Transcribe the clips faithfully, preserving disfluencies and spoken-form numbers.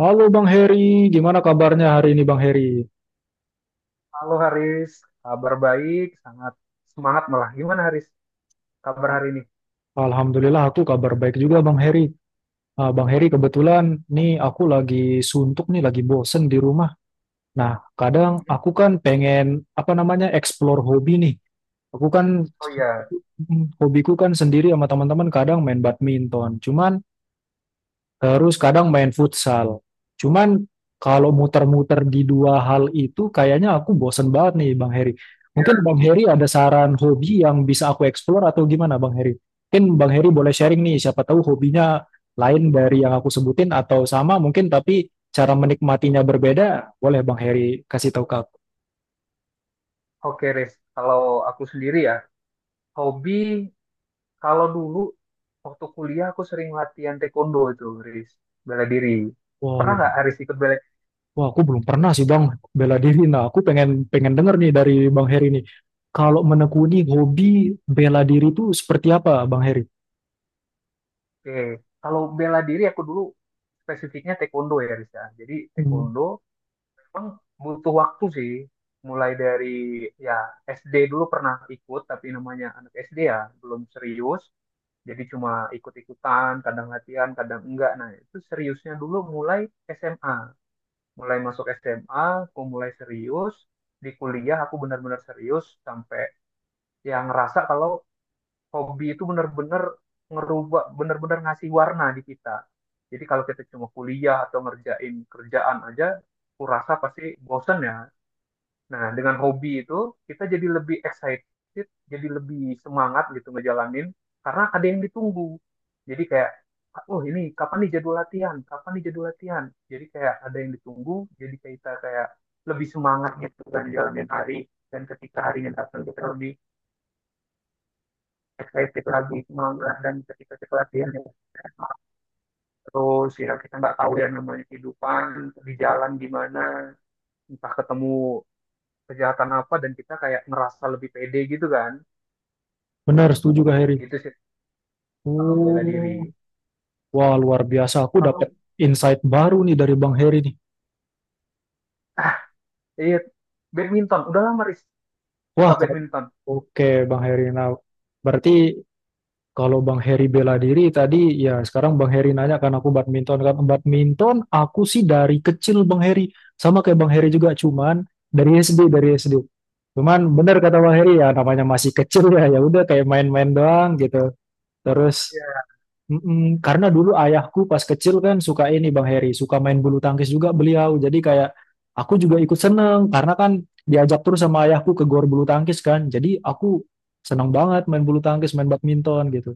Halo Bang Heri, gimana kabarnya hari ini Bang Heri? Halo Haris, kabar baik, sangat semangat malah. Gimana Haris, kabar hari ini? Alhamdulillah aku kabar baik juga Bang Heri. Ah, Bang Heri, kebetulan nih aku lagi suntuk nih, lagi bosen di rumah. Nah, kadang Mhm. aku kan pengen apa namanya explore hobi nih. Aku kan Oh iya. Mm, hobiku kan sendiri sama teman-teman kadang main badminton. Cuman Terus kadang main futsal. Cuman kalau muter-muter di dua hal itu kayaknya aku bosen banget nih Bang Heri. Mungkin Iya. Bang Heri ada saran hobi yang bisa aku explore atau gimana Bang Heri? Mungkin Bang Heri boleh sharing nih, siapa tahu hobinya lain dari yang aku sebutin atau sama mungkin tapi cara menikmatinya berbeda. Boleh Bang Heri kasih tahu ke aku. Oke Haris. Kalau aku sendiri ya, hobi kalau dulu waktu kuliah aku sering latihan taekwondo itu Haris, bela diri. Wah, Pernah lu- nggak Haris ikut bela? Wah, aku belum pernah sih Bang, bela diri. Nah, aku pengen pengen denger nih dari Bang Heri nih. Kalau menekuni hobi bela diri itu seperti apa Bang Heri? Oke, kalau bela diri aku dulu spesifiknya taekwondo ya Haris ya. Jadi Hmm. taekwondo emang butuh waktu sih, mulai dari ya S D dulu pernah ikut, tapi namanya anak S D ya belum serius, jadi cuma ikut-ikutan, kadang latihan kadang enggak. Nah itu seriusnya dulu mulai S M A mulai masuk S M A aku mulai serius. Di kuliah aku benar-benar serius sampai yang ngerasa kalau hobi itu benar-benar ngerubah, benar-benar ngasih warna di kita. Jadi kalau kita cuma kuliah atau ngerjain kerjaan aja, aku rasa pasti bosen ya. Nah, dengan hobi itu kita jadi lebih excited, jadi lebih semangat gitu ngejalanin karena ada yang ditunggu. Jadi kayak, oh ini kapan nih jadwal latihan? Kapan nih jadwal latihan? Jadi kayak ada yang ditunggu, jadi kayak kita kayak lebih semangat gitu kan jalanin hari, dan ketika harinya datang kita lebih excited lagi, semangat, dan ketika kita latihan terus, ya kita nggak tahu yang namanya kehidupan di jalan gimana, entah ketemu kejahatan apa, dan kita kayak ngerasa lebih pede gitu kan. Benar, setuju Kak Heri. Itu sih kalau bela diri. Oh, wah luar biasa. Aku Kalau dapat insight baru nih dari Bang Heri nih. iya badminton, udah lama Riz Wah, suka kalau badminton. oke Bang Heri. Nah, berarti kalau Bang Heri bela diri tadi, ya sekarang Bang Heri nanya kan aku badminton kan. Badminton aku sih dari kecil Bang Heri. Sama kayak Bang Heri juga, cuman dari S D, dari S D. Cuman benar kata Bang Hmm. Heri, ya namanya masih kecil ya, ya udah kayak main-main doang gitu. Terus Iya. Mm-mm, karena dulu ayahku pas kecil kan suka ini Bang Heri, suka main bulu tangkis juga beliau. Jadi kayak aku juga ikut seneng karena kan diajak terus sama ayahku ke gor bulu tangkis kan. Jadi aku seneng banget main bulu tangkis, main badminton gitu.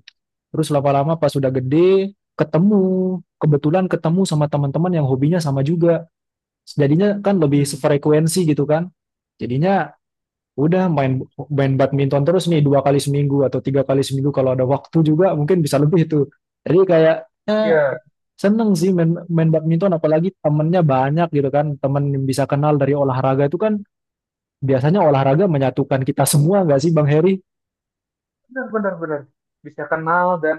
Terus lama-lama pas sudah gede ketemu, kebetulan ketemu sama teman-teman yang hobinya sama juga. Jadinya kan lebih Hmm. sefrekuensi gitu kan. Jadinya Udah main main badminton terus nih dua kali seminggu atau tiga kali seminggu, kalau ada waktu juga mungkin bisa lebih itu. Jadi kayaknya Iya, seneng sih main, main badminton apalagi temennya banyak gitu kan. Temen yang bisa kenal dari olahraga itu kan biasanya olahraga menyatukan kita semua nggak sih Bang Heri? benar benar benar. Bisa kenal dan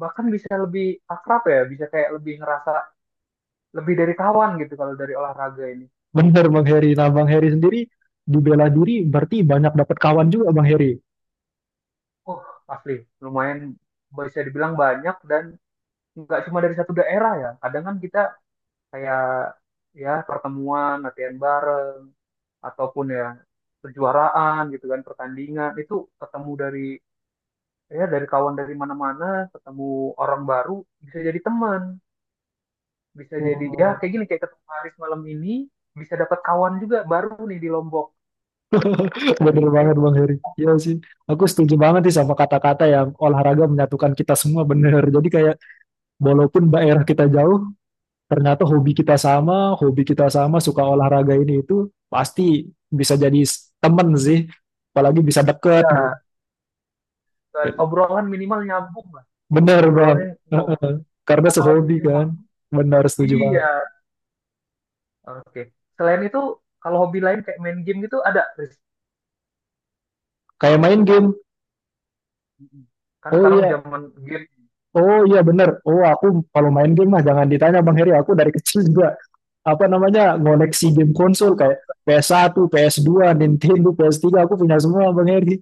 bahkan bisa lebih akrab ya, bisa kayak lebih ngerasa lebih dari kawan gitu kalau dari olahraga ini. Bener Bang Heri. Nah Bang Heri sendiri di bela diri berarti banyak dapat kawan juga Bang Heri. Oh asli, lumayan, bisa dibilang banyak dan nggak cuma dari satu daerah ya. Kadang kan kita kayak ya pertemuan, latihan bareng ataupun ya kejuaraan gitu kan, pertandingan itu ketemu dari ya dari kawan dari mana-mana, ketemu orang baru, bisa jadi teman, bisa jadi ya Wow. kayak gini kayak ketemu Haris malam ini, bisa dapat kawan juga baru nih di Lombok. Dan Bener ya, banget Bang Heri. Iya sih, aku setuju banget sih sama kata-kata yang olahraga menyatukan kita semua, bener. Jadi kayak walaupun daerah kita jauh, ternyata hobi kita sama, hobi kita sama, suka olahraga ini itu pasti bisa jadi s- temen sih, apalagi bisa deket gitu. ya obrolan minimal nyambung lah, Bener Bang. obrolannya Heeh. obrolan Karena sehobi hobinya kan. sama. Bener, setuju Iya, banget. oke. Selain itu kalau hobi lain kayak main game gitu ada Riz? Kayak main game, Mm-mm. Kan oh sekarang iya, zaman game. oh iya bener, oh aku kalau main game mah jangan ditanya Bang Heri, aku dari kecil juga apa namanya ngoleksi game konsol kayak P S satu, P S dua, Nintendo, P S tiga, aku punya semua Bang Heri.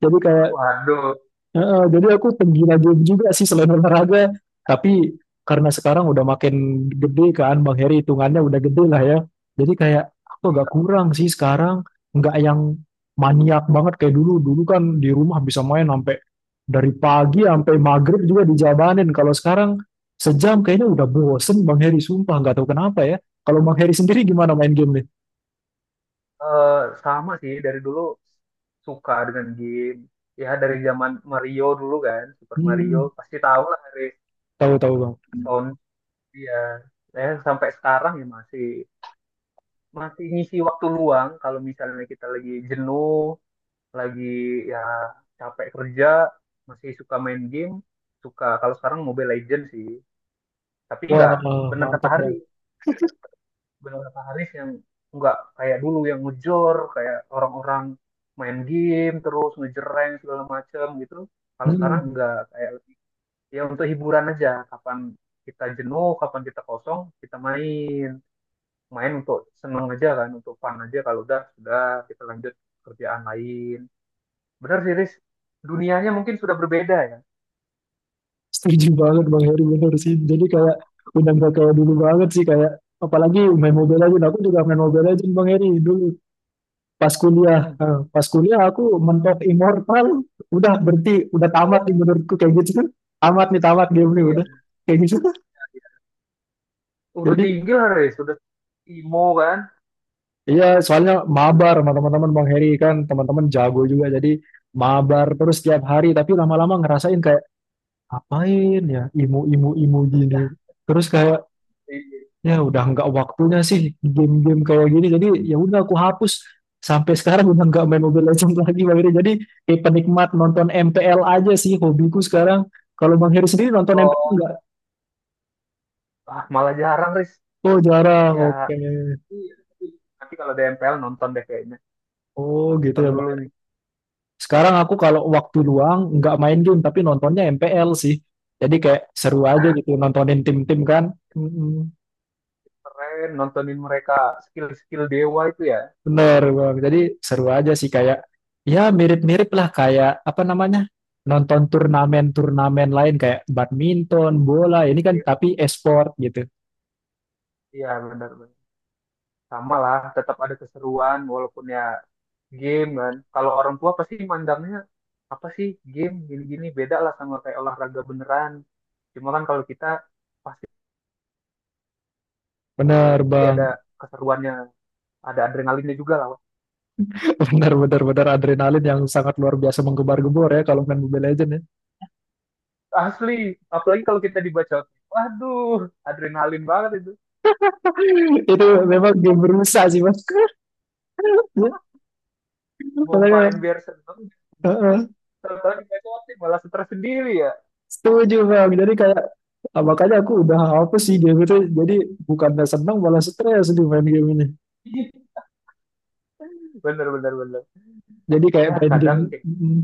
Jadi kayak Waduh. heeh, jadi aku penggila game juga sih selain olahraga. Tapi karena sekarang udah makin gede kan Bang Heri, hitungannya udah gede lah ya. Jadi kayak aku agak Iya. kurang sih sekarang. Nggak yang maniak banget kayak dulu. Dulu kan di rumah bisa main sampai dari pagi sampai maghrib juga dijabanin. Kalau sekarang sejam kayaknya udah bosen Bang Heri. Sumpah nggak tahu kenapa ya. Kalau Bang Heri sendiri gimana main game nih? Eh, Sama sih dari dulu suka dengan game, ya dari zaman Mario dulu kan, Super Mario Hmm, pasti tahu lah, dari tahu-tahu Bang. sound. Iya. Ya, eh, sampai sekarang ya masih masih ngisi waktu luang kalau misalnya kita lagi jenuh, lagi ya capek kerja, masih suka main game. Suka kalau sekarang Mobile Legends sih, tapi Wah, nggak bener kata mantap Hari Bang. benar kata Haris yang nggak kayak dulu, yang ngejor kayak orang-orang main game terus ngejereng segala macem gitu. Kalau sekarang Hmm. nggak kayak lebih, ya untuk hiburan aja, kapan kita jenuh kapan kita kosong kita main main untuk seneng aja kan, untuk fun aja. Kalau udah sudah kita lanjut kerjaan lain. Benar sih Haris, dunianya mungkin sudah berbeda ya. Setuju banget Bang Heri, bener sih. Jadi kayak udah nggak kayak dulu banget sih kayak, apalagi main Mobile Legends. Aku juga main Mobile Legends Bang Heri dulu pas kuliah. Hmm. Nah, pas kuliah aku mentok Immortal, udah berhenti, udah tamat nih Oh, menurutku kayak gitu kan. Tamat nih, tamat game nih iya, udah, kayak gitu kan. iya. Udah Jadi tinggi lah Haris, udah imo kan. iya, soalnya mabar sama teman-teman Bang Heri, kan teman-teman jago juga jadi mabar terus tiap hari, tapi lama-lama ngerasain kayak apain ya, imu imu imu gini. Terus kayak Iya. ya udah nggak waktunya sih game-game kayak gini, jadi ya udah aku hapus, sampai sekarang udah nggak main Mobile Legends lagi Bang Heri. Jadi kayak penikmat nonton M P L aja sih hobiku sekarang. Kalau Bang Heri sendiri nonton M P L oh nggak? Ah, malah jarang, Riz. Oh jarang, Ya. oke. Iya. Nanti kalau D M P L nonton deh kayaknya. Oh gitu Nonton ya dulu Bang. nih. Sekarang aku kalau waktu luang nggak main game tapi nontonnya M P L sih. Jadi kayak seru aja gitu nontonin tim-tim kan. Mm-mm. Keren, nontonin mereka skill-skill dewa itu ya. Bener, Bang. Jadi seru aja sih kayak ya mirip-mirip lah kayak apa namanya? Nonton turnamen-turnamen lain kayak badminton, bola, ini kan, Iya, tapi e-sport gitu. iya, benar-benar. Sama lah, tetap ada keseruan walaupun ya game kan. Kalau orang tua pasti mandangnya apa sih, game gini-gini beda lah sama kayak olahraga beneran. Cuma kan kalau kita pasti Bener, ada Bang. keseruannya, ada adrenalinnya juga lah. Wak. Bener, bener, bener, adrenalin yang sangat luar biasa menggembar-gembor ya kalau main Mobile Legends ya. Asli, apalagi kalau kita dibacotin. Waduh, adrenalin banget itu. Itu memang game Ah, berusaha sih, Bang. Ya. Mau Makanya, main biar seneng, heeh. tahu-tahu di malah stres sendiri ya. Setuju Bang, jadi kayak ah, makanya aku udah apa sih game itu, jadi bukannya senang malah stres di main game ini. Bener bener bener. Jadi kayak Ya main kadang, game, Mm,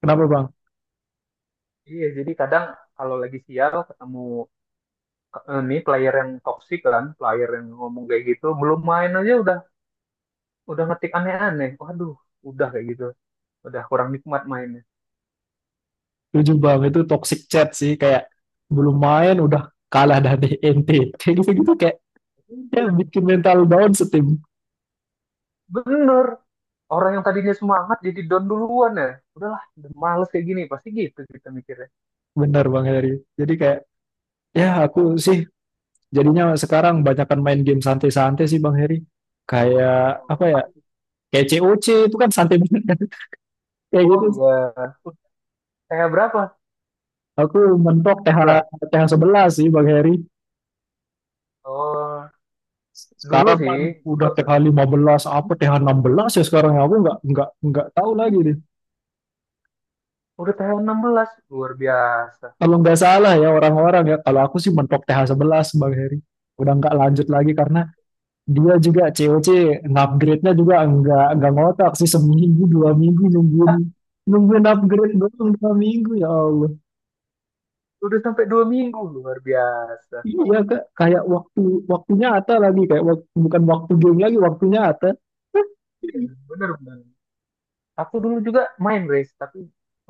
kenapa Bang? iya jadi kadang kalau lagi sial ketemu, eh, nih player yang toksik kan, player yang ngomong kayak gitu, belum main aja udah, udah ngetik aneh-aneh. Waduh, udah kayak gitu. Udah kurang nikmat mainnya. Tujuh Bang, itu toxic chat sih kayak belum main udah kalah dari N T. Kayak gitu-gitu kayak ya bikin mental down setim. Bener. Orang yang tadinya semangat jadi down duluan ya. Udahlah, udah males kayak gini. Pasti gitu kita mikirnya. Benar Bang Heri. Jadi kayak ya aku sih jadinya sekarang banyakkan main game santai-santai sih Bang Heri. Kayak apa Oh, ya? apa sih? Kayak C O C itu kan santai banget kan. Kayak Oh gitu. iya. Saya berapa? Aku mentok TH Empat belas. TH sebelas sih Bang Heri. Oh, dulu Sekarang sih. kan udah T H lima belas apa T H enam belas ya sekarang ya? Aku nggak nggak nggak tahu lagi nih. Dulu Udah tanggal enam belas, luar biasa. Kalau nggak salah ya orang-orang ya, kalau aku sih mentok T H sebelas Bang Heri. Udah nggak lanjut lagi karena dia juga C O C upgrade-nya juga nggak nggak ngotak sih, seminggu dua minggu nungguin nungguin upgrade doang dua minggu ya Allah. Udah sampai dua minggu, luar biasa. Iya Kak, kayak waktu waktunya Ata lagi kayak wak- bukan waktu game lagi, waktunya Ata. Iya, bener bener. Aku dulu juga main race, tapi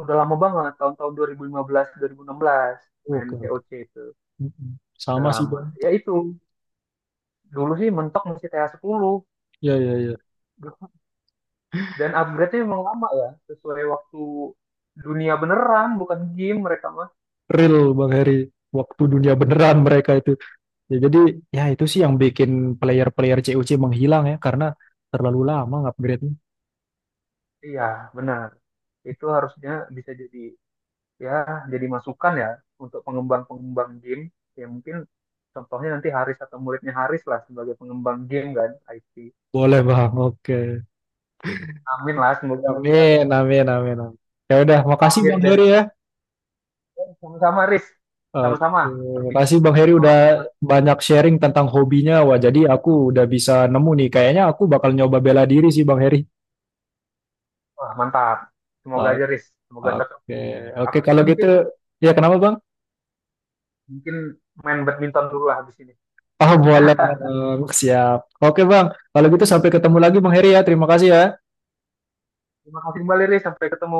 udah lama banget, tahun-tahun dua ribu lima belas, dua ribu enam belas main Oke, oke. C O C itu. Mm-mm. Udah Sama sih lama. Bang. Ya itu, dulu sih mentok masih T A sepuluh. Ya, ya, ya. Dan upgrade-nya memang lama ya, sesuai waktu dunia beneran, bukan game mereka mah. Real Bang Heri. Waktu dunia beneran mereka itu. Ya, jadi ya itu sih yang bikin player-player C U C menghilang ya karena terlalu lama upgrade. Iya, benar. Itu harusnya bisa jadi ya jadi masukan ya untuk pengembang-pengembang game, ya mungkin contohnya nanti Haris atau muridnya Haris lah sebagai pengembang game kan, I T. Boleh Bang, oke. Amin lah, semoga nanti ada Amin, amin, amin. Amin. Ya udah, makasih lahir Bang dari, Heri ya. eh, sama-sama Haris, sama-sama Oke, makasih perbincangan Bang Riz Heri malam udah ini mantap. banyak sharing tentang hobinya. Wah, jadi aku udah bisa nemu nih. Kayaknya aku bakal nyoba bela diri sih Bang Heri. Wah, mantap, semoga Oke, aja Riz semoga cocok. oke, oke, Aku juga kalau gitu. mungkin, Ya, kenapa Bang? mungkin main badminton dulu lah habis ini. Ah boleh Bang, siap. Oke Bang, kalau gitu sampai ketemu lagi Bang Heri ya. Terima kasih ya. Terima kasih kembali Riz, sampai ketemu.